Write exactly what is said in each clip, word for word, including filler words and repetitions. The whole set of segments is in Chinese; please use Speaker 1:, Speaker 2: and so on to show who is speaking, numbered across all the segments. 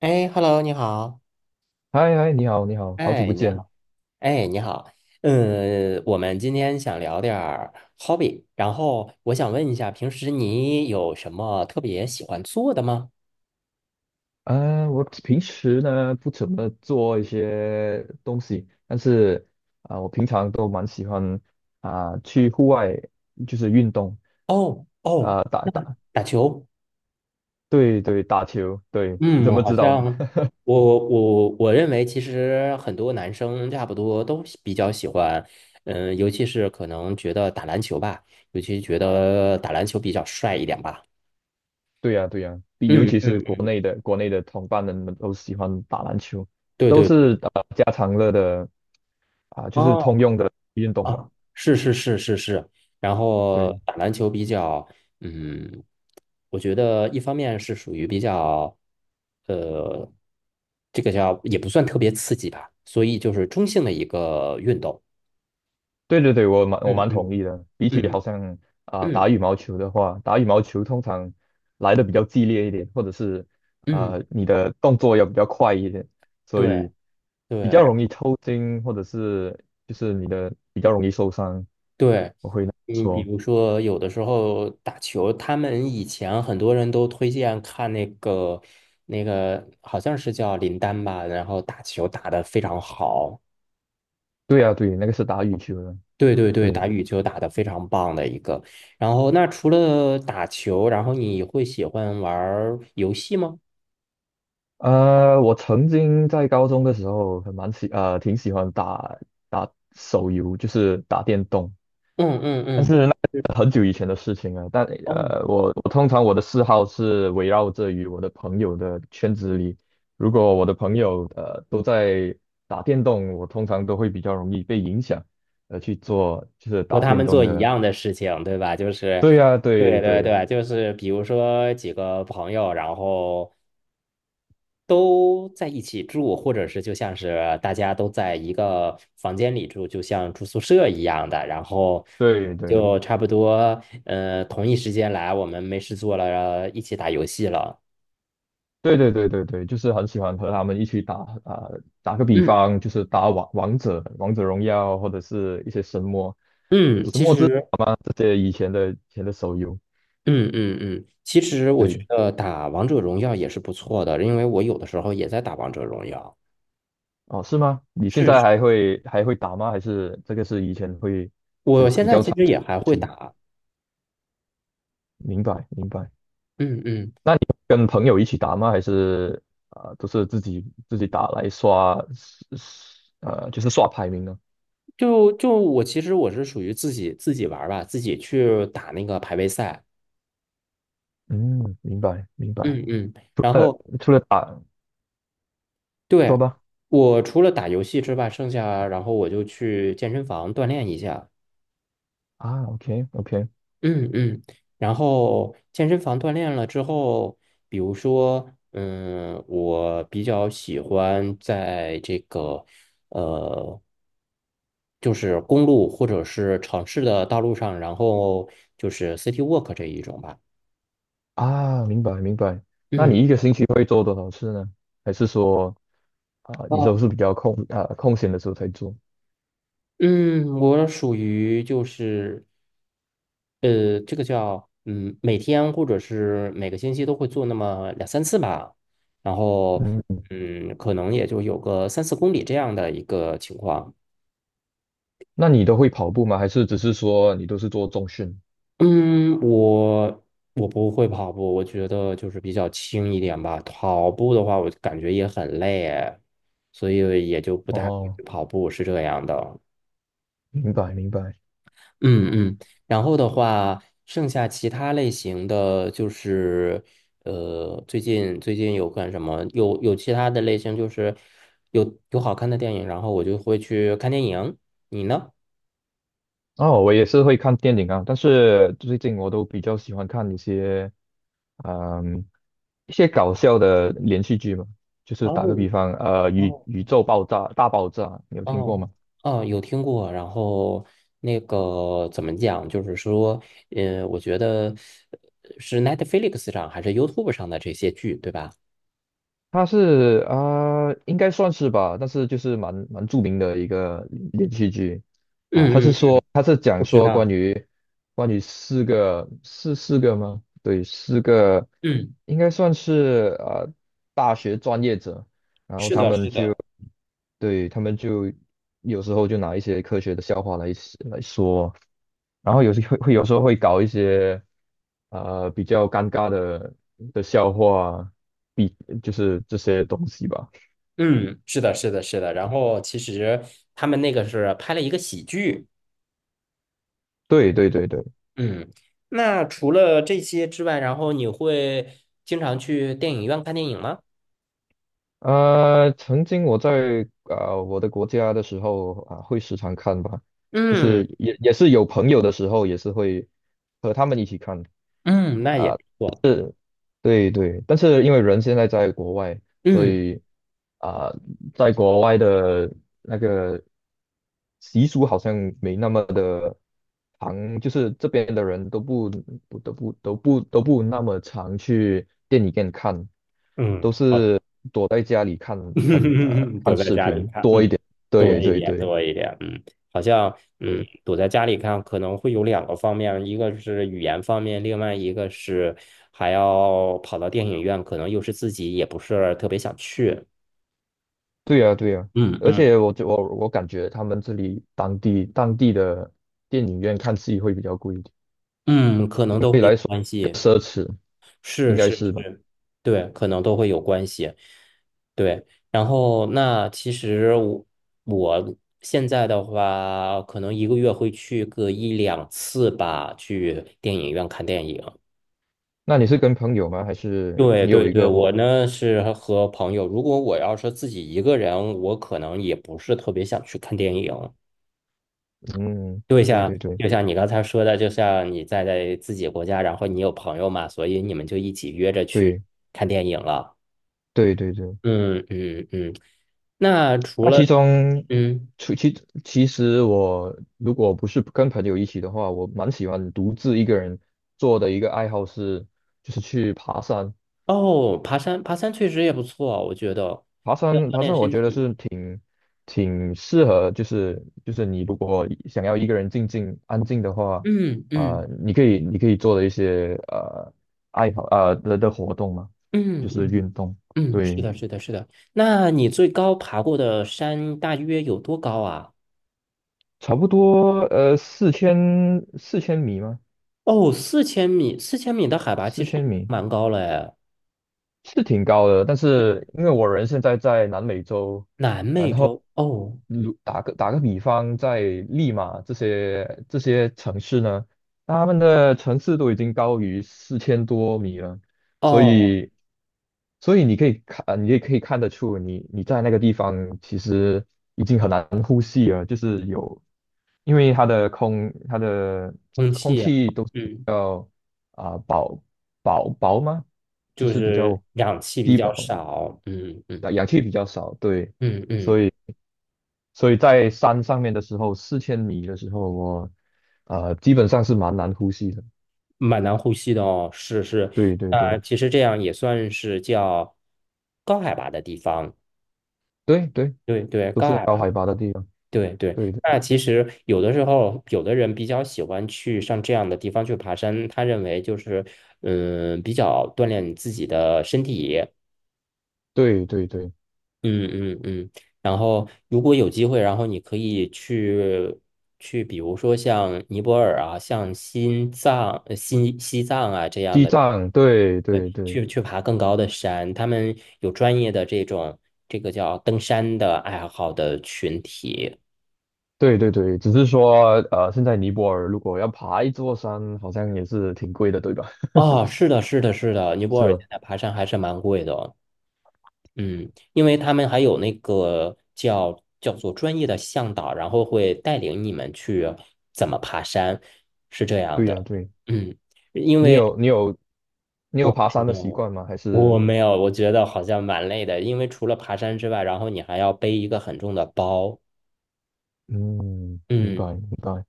Speaker 1: 哎，Hello，你好。
Speaker 2: 嗨嗨，你好，你好，好久
Speaker 1: 哎，
Speaker 2: 不
Speaker 1: 你
Speaker 2: 见。
Speaker 1: 好。哎，你好。嗯，我们今天想聊点儿 hobby，然后我想问一下，平时你有什么特别喜欢做的吗？
Speaker 2: 啊、我平时呢不怎么做一些东西，但是啊、我平常都蛮喜欢啊、去户外，就是运动。
Speaker 1: 哦哦，
Speaker 2: 啊、打打，
Speaker 1: 打球。
Speaker 2: 对对，打球。对，你怎
Speaker 1: 嗯，
Speaker 2: 么
Speaker 1: 好
Speaker 2: 知道呢？
Speaker 1: 像我我我认为，其实很多男生差不多都喜比较喜欢，嗯，尤其是可能觉得打篮球吧，尤其觉得打篮球比较帅一点吧。
Speaker 2: 对呀、对呀、比尤
Speaker 1: 嗯
Speaker 2: 其是
Speaker 1: 嗯，
Speaker 2: 国
Speaker 1: 嗯，
Speaker 2: 内的国内的同伴们都喜欢打篮球，
Speaker 1: 对
Speaker 2: 都
Speaker 1: 对对。
Speaker 2: 是呃家常乐的，啊、就是通
Speaker 1: 哦。
Speaker 2: 用的运动吧。
Speaker 1: 啊，是是是是是，然后
Speaker 2: 对，
Speaker 1: 打篮球比较，嗯，我觉得一方面是属于比较，呃，这个叫也不算特别刺激吧，所以就是中性的一个运动。
Speaker 2: 对对对，我蛮我
Speaker 1: 嗯
Speaker 2: 蛮同
Speaker 1: 嗯
Speaker 2: 意的。比起好
Speaker 1: 嗯
Speaker 2: 像啊、打
Speaker 1: 嗯
Speaker 2: 羽毛球的话，打羽毛球通常来的比较激烈一点，或者是啊
Speaker 1: 嗯，
Speaker 2: 你的动作要比较快一点，所
Speaker 1: 对
Speaker 2: 以
Speaker 1: 对
Speaker 2: 比
Speaker 1: 然
Speaker 2: 较容易抽筋，或者是就是你的比较容易受伤。
Speaker 1: 对，
Speaker 2: 我会
Speaker 1: 嗯，比
Speaker 2: 说，
Speaker 1: 如说有的时候打球，他们以前很多人都推荐看那个那个好像是叫林丹吧，然后打球打得非常好。
Speaker 2: 对啊，对，那个是打羽球的。
Speaker 1: 对对对，打
Speaker 2: 对。
Speaker 1: 羽球打得非常棒的一个。然后，那除了打球，然后你会喜欢玩儿游戏吗？
Speaker 2: 呃，我曾经在高中的时候很蛮喜呃挺喜欢打打手游，就是打电动。
Speaker 1: 嗯嗯嗯，对。
Speaker 2: 很久以前的事情了，但
Speaker 1: 哦，
Speaker 2: 呃，我我通常我的嗜好是围绕着于我的朋友的圈子里。如果我的朋友呃都在打电动，我通常都会比较容易被影响，呃，去做就是
Speaker 1: 和
Speaker 2: 打
Speaker 1: 他
Speaker 2: 电
Speaker 1: 们
Speaker 2: 动
Speaker 1: 做一
Speaker 2: 的。
Speaker 1: 样的事情，对吧？就是，
Speaker 2: 对呀、
Speaker 1: 对
Speaker 2: 对
Speaker 1: 对
Speaker 2: 对
Speaker 1: 对，就是比如说几个朋友，然后都在一起住，或者是就像是大家都在一个房间里住，就像住宿舍一样的，然后
Speaker 2: 对对
Speaker 1: 就差不多，呃，同一时间来，我们没事做了，一起打游戏了。
Speaker 2: 对对对对对，就是很喜欢和他们一起打。啊、打个比
Speaker 1: 嗯
Speaker 2: 方，就是打王王者、王者荣耀，或者是一些神魔、
Speaker 1: 嗯，
Speaker 2: 神
Speaker 1: 其
Speaker 2: 魔之塔
Speaker 1: 实，
Speaker 2: 嘛，这些以前的以前的手游。
Speaker 1: 嗯嗯嗯，其实我觉
Speaker 2: 对。
Speaker 1: 得打王者荣耀也是不错的，因为我有的时候也在打王者荣耀。
Speaker 2: 哦，是吗？你现
Speaker 1: 是，
Speaker 2: 在
Speaker 1: 是
Speaker 2: 还会还会打吗？还是这个是以前会会
Speaker 1: 我现
Speaker 2: 比
Speaker 1: 在
Speaker 2: 较
Speaker 1: 其
Speaker 2: 常
Speaker 1: 实也还
Speaker 2: 事
Speaker 1: 会
Speaker 2: 情？
Speaker 1: 打。
Speaker 2: 明白明白。
Speaker 1: 嗯嗯，
Speaker 2: 那你跟朋友一起打吗？还是啊、呃都是自己自己打来刷呃就是刷排名呢？
Speaker 1: 就就我其实我是属于自己自己玩儿吧，自己去打那个排位赛。
Speaker 2: 嗯，明白明白。
Speaker 1: 嗯嗯，然后
Speaker 2: 除了打，说
Speaker 1: 对，
Speaker 2: 吧。
Speaker 1: 我除了打游戏之外，剩下然后我就去健身房锻炼一下。
Speaker 2: 啊，OK OK。
Speaker 1: 嗯嗯，然后健身房锻炼了之后，比如说，嗯，我比较喜欢在这个呃，就是公路或者是城市的道路上，然后就是 city walk 这一种吧。
Speaker 2: 啊，明白明白。那
Speaker 1: 嗯。
Speaker 2: 你一个星期会做多少次呢？还是说啊、你都是比较空啊、空闲的时候才做？
Speaker 1: 嗯，我属于就是，呃，这个叫嗯，每天或者是每个星期都会做那么两三次吧，然后
Speaker 2: 嗯。
Speaker 1: 嗯，可能也就有个三四公里这样的一个情况。
Speaker 2: 那你都会跑步吗？还是只是说你都是做重训？
Speaker 1: 嗯，我我不会跑步，我觉得就是比较轻一点吧。跑步的话，我感觉也很累，所以也就不太会
Speaker 2: 哦，
Speaker 1: 去跑步，是这样的。
Speaker 2: 明白明白。
Speaker 1: 嗯嗯，然后的话，剩下其他类型的就是，呃，最近最近有干什么？有有其他的类型，就是有有好看的电影，然后我就会去看电影。你呢？
Speaker 2: 哦，我也是会看电影啊，但是最近我都比较喜欢看一些，嗯，一些搞笑的连续剧嘛。就是打
Speaker 1: 哦
Speaker 2: 个比方，呃，宇
Speaker 1: 哦，
Speaker 2: 宇宙爆炸大爆炸，你有听过
Speaker 1: 哦
Speaker 2: 吗？
Speaker 1: 哦，有听过。然后那个怎么讲？就是说，呃，我觉得呃是 Netflix 上还是 YouTube 上的这些剧，对吧？
Speaker 2: 他是啊、呃应该算是吧，但是就是蛮蛮著名的一个连续剧啊。他
Speaker 1: 嗯
Speaker 2: 是
Speaker 1: 嗯，
Speaker 2: 说，
Speaker 1: 嗯
Speaker 2: 他是讲
Speaker 1: 不知
Speaker 2: 说关
Speaker 1: 道。
Speaker 2: 于关于四个，是四个吗？对，四个，
Speaker 1: 嗯，
Speaker 2: 应该算是啊、呃大学专业者，然后
Speaker 1: 是
Speaker 2: 他
Speaker 1: 的，
Speaker 2: 们
Speaker 1: 是
Speaker 2: 就。
Speaker 1: 的。
Speaker 2: 对，他们就有时候就拿一些科学的笑话来来说，然后有时会会有时候会搞一些啊比较尴尬的的笑话，比就是这些东西吧。
Speaker 1: 嗯，是的，是的，是的。然后其实他们那个是拍了一个喜剧。
Speaker 2: 对对对对。
Speaker 1: 嗯，那除了这些之外，然后你会经常去电影院看电影吗？
Speaker 2: 呃，曾经我在啊、呃我的国家的时候啊、会时常看吧，就
Speaker 1: 嗯
Speaker 2: 是也也是有朋友的时候，也是会和他们一起看。
Speaker 1: 嗯，那也不错。
Speaker 2: 对对，但是因为人现在在国外，所
Speaker 1: 嗯
Speaker 2: 以啊、在国外的那个习俗好像没那么的常，就是这边的人都不不都不都不都不那么常去电影院看，
Speaker 1: 嗯，好，
Speaker 2: 躲在家里看看呃
Speaker 1: 躲
Speaker 2: 看
Speaker 1: 在
Speaker 2: 视
Speaker 1: 家里
Speaker 2: 频
Speaker 1: 看，
Speaker 2: 多
Speaker 1: 嗯，
Speaker 2: 一点。对
Speaker 1: 多一
Speaker 2: 对
Speaker 1: 点，
Speaker 2: 对
Speaker 1: 多一点。嗯，好像嗯，
Speaker 2: 对，
Speaker 1: 躲在家里看可能会有两个方面，一个是语言方面，另外一个是还要跑到电影院，可能又是自己也不是特别想去。
Speaker 2: 对呀，对呀，
Speaker 1: 嗯
Speaker 2: 而
Speaker 1: 嗯
Speaker 2: 且我就我我感觉他们这里当地当地的电影院看戏会比较贵一点，
Speaker 1: 嗯，可能都
Speaker 2: 对
Speaker 1: 会有
Speaker 2: 来说
Speaker 1: 关系，
Speaker 2: 奢侈
Speaker 1: 是
Speaker 2: 应该
Speaker 1: 是
Speaker 2: 是吧？
Speaker 1: 是，对，可能都会有关系，对。然后那其实我我现在的话，可能一个月会去个一两次吧，去电影院看电影。
Speaker 2: 那你是跟朋友吗？还是
Speaker 1: 对
Speaker 2: 你有
Speaker 1: 对
Speaker 2: 一
Speaker 1: 对，
Speaker 2: 个
Speaker 1: 我
Speaker 2: 伙？
Speaker 1: 呢是和朋友，如果我要是自己一个人，我可能也不是特别想去看电影。
Speaker 2: 嗯，
Speaker 1: 就
Speaker 2: 对对
Speaker 1: 像
Speaker 2: 对
Speaker 1: 就像你刚才说的，就像你在在自己国家，然后你有朋友嘛，所以你们就一起约着去
Speaker 2: 对
Speaker 1: 看电影了。
Speaker 2: 对对对。
Speaker 1: 嗯嗯嗯。那除
Speaker 2: 那
Speaker 1: 了
Speaker 2: 其中，
Speaker 1: 嗯，
Speaker 2: 其其其实我如果不是跟朋友一起的话，我蛮喜欢独自一个人做的一个爱好是，就是去爬山。
Speaker 1: 哦，爬山爬山确实也不错，我觉得
Speaker 2: 爬
Speaker 1: 要
Speaker 2: 山，
Speaker 1: 锻
Speaker 2: 爬
Speaker 1: 炼
Speaker 2: 山，我
Speaker 1: 身
Speaker 2: 觉得
Speaker 1: 体。
Speaker 2: 是挺挺适合，就是就是你如果想要一个人静静安静的话，
Speaker 1: 嗯
Speaker 2: 啊、
Speaker 1: 嗯
Speaker 2: 你可以你可以做的一些呃爱好呃的的活动嘛，
Speaker 1: 嗯
Speaker 2: 就是
Speaker 1: 嗯
Speaker 2: 运动。
Speaker 1: 嗯，是
Speaker 2: 对，
Speaker 1: 的，是的，是的。那你最高爬过的山大约有多高啊？
Speaker 2: 差不多呃四千四千米吗？
Speaker 1: 哦，四千米，四千米的海拔
Speaker 2: 四
Speaker 1: 其实已
Speaker 2: 千
Speaker 1: 经
Speaker 2: 米。
Speaker 1: 蛮高了哎。
Speaker 2: 是挺高的，但是因为我人现在在南美洲，
Speaker 1: 南美洲，哦
Speaker 2: 如打个打个比方，在利马这些这些城市呢，他们的城市都已经高于四千多米了，所
Speaker 1: 哦，
Speaker 2: 以所以你可以看，呃你也可以看得出你你在那个地方其实有，因为它的空它的
Speaker 1: 空
Speaker 2: 空
Speaker 1: 气啊，
Speaker 2: 气都是比
Speaker 1: 嗯，
Speaker 2: 较啊、薄薄薄吗？就
Speaker 1: 就
Speaker 2: 是比
Speaker 1: 是
Speaker 2: 较
Speaker 1: 氧气比
Speaker 2: 低
Speaker 1: 较
Speaker 2: 薄，
Speaker 1: 少，嗯嗯
Speaker 2: 氧氧气比较少。对。
Speaker 1: 嗯嗯，
Speaker 2: 所以所以在山上面的时候，四千米的时候，我呃基本上是蛮难呼吸的。
Speaker 1: 蛮难呼吸的哦，是是，
Speaker 2: 对对
Speaker 1: 呃，
Speaker 2: 对
Speaker 1: 其实这样也算是叫高海拔的地方，
Speaker 2: 对对，
Speaker 1: 对对，
Speaker 2: 都
Speaker 1: 高
Speaker 2: 是
Speaker 1: 海
Speaker 2: 高
Speaker 1: 拔，
Speaker 2: 海拔的地方。
Speaker 1: 对对。
Speaker 2: 对对
Speaker 1: 那其实有的时候，有的人比较喜欢去上这样的地方去爬山，他认为就是嗯，比较锻炼你自己的身体，
Speaker 2: 对对对，
Speaker 1: 嗯嗯嗯，然后如果有机会，然后你可以去去，比如说像尼泊尔啊，像新藏、呃新西藏啊这样
Speaker 2: 西
Speaker 1: 的，
Speaker 2: 藏，对对
Speaker 1: 对，
Speaker 2: 对
Speaker 1: 去去爬更高的山，他们有专业的这种这个叫登山的爱好的群体。
Speaker 2: 对对对，只是说呃，现在尼泊尔如果要爬一座山，好像也是挺贵的，对吧？
Speaker 1: 哦，是的，是的，是的，尼 泊
Speaker 2: 是
Speaker 1: 尔
Speaker 2: 吧？
Speaker 1: 现在爬山还是蛮贵的哦。嗯，因为他们还有那个叫叫做专业的向导，然后会带领你们去怎么爬山，是这样
Speaker 2: 对呀、
Speaker 1: 的。
Speaker 2: 对，
Speaker 1: 嗯，因
Speaker 2: 你
Speaker 1: 为
Speaker 2: 有你有你有
Speaker 1: 我
Speaker 2: 爬
Speaker 1: 没
Speaker 2: 山的习
Speaker 1: 有，
Speaker 2: 惯吗？还
Speaker 1: 我
Speaker 2: 是
Speaker 1: 没有，我觉得好像蛮累的，因为除了爬山之外，然后你还要背一个很重的包。
Speaker 2: 嗯，明
Speaker 1: 嗯，
Speaker 2: 白明白。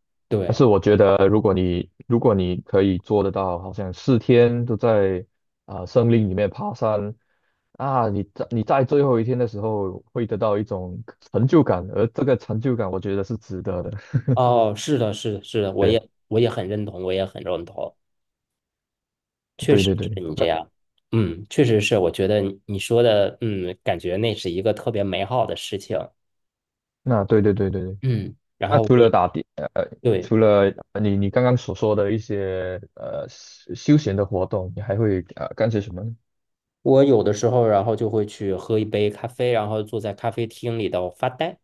Speaker 2: 但是
Speaker 1: 对，
Speaker 2: 我觉得，如果你如果你可以做得到，好像四天都在啊、森林里面爬山啊，你在你在最后一天的时候会得到一种成就感，而这个成就感我觉得是值得的。
Speaker 1: 哦，是的，是的，是的，我
Speaker 2: 对呀，
Speaker 1: 也我也很认同，我也很认同，确
Speaker 2: 对
Speaker 1: 实
Speaker 2: 对对，
Speaker 1: 是你这
Speaker 2: 那
Speaker 1: 样。嗯，确实是，我觉得你你说的，嗯，感觉那是一个特别美好的事情。
Speaker 2: 那对对对对对。
Speaker 1: 嗯，然
Speaker 2: 那
Speaker 1: 后我
Speaker 2: 除了
Speaker 1: 也
Speaker 2: 打的，呃，
Speaker 1: 对。
Speaker 2: 除了呃你你刚刚所说的一些呃休休闲的活动，你还会呃干些什么呢？
Speaker 1: 我有的时候，然后就会去喝一杯咖啡，然后坐在咖啡厅里头发呆。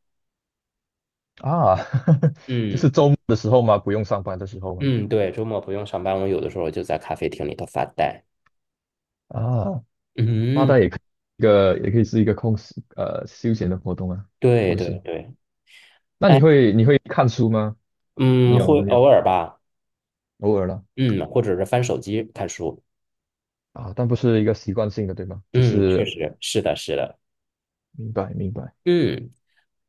Speaker 2: 啊，就是
Speaker 1: 嗯
Speaker 2: 周末的时候吗？不用上班的时候吗？
Speaker 1: 嗯，对，周末不用上班，我有的时候就在咖啡厅里头发呆。
Speaker 2: 啊。发
Speaker 1: 嗯，
Speaker 2: 呆也可一个也可以是一个空时呃休闲的活动啊，是
Speaker 1: 对
Speaker 2: 不
Speaker 1: 对
Speaker 2: 是？
Speaker 1: 对，
Speaker 2: 那你
Speaker 1: 哎，
Speaker 2: 会你会看书吗？你
Speaker 1: 嗯，
Speaker 2: 有
Speaker 1: 会
Speaker 2: 你
Speaker 1: 偶
Speaker 2: 有
Speaker 1: 尔吧，
Speaker 2: 偶尔了
Speaker 1: 嗯，或者是翻手机看书。
Speaker 2: 啊，但不是一个习惯性的，对吧？就
Speaker 1: 嗯，确
Speaker 2: 是
Speaker 1: 实是的，是的。
Speaker 2: 明白明白。
Speaker 1: 嗯，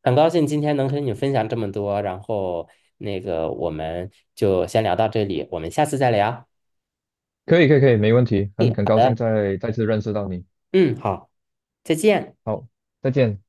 Speaker 1: 很高兴今天能跟你分享这么多，然后那个我们就先聊到这里，我们下次再聊。
Speaker 2: 可以可以可以，没问题，
Speaker 1: 嗯
Speaker 2: 很很
Speaker 1: 好
Speaker 2: 高兴
Speaker 1: 的，
Speaker 2: 再再次认识到你。
Speaker 1: 嗯，好，再见。
Speaker 2: 好，再见。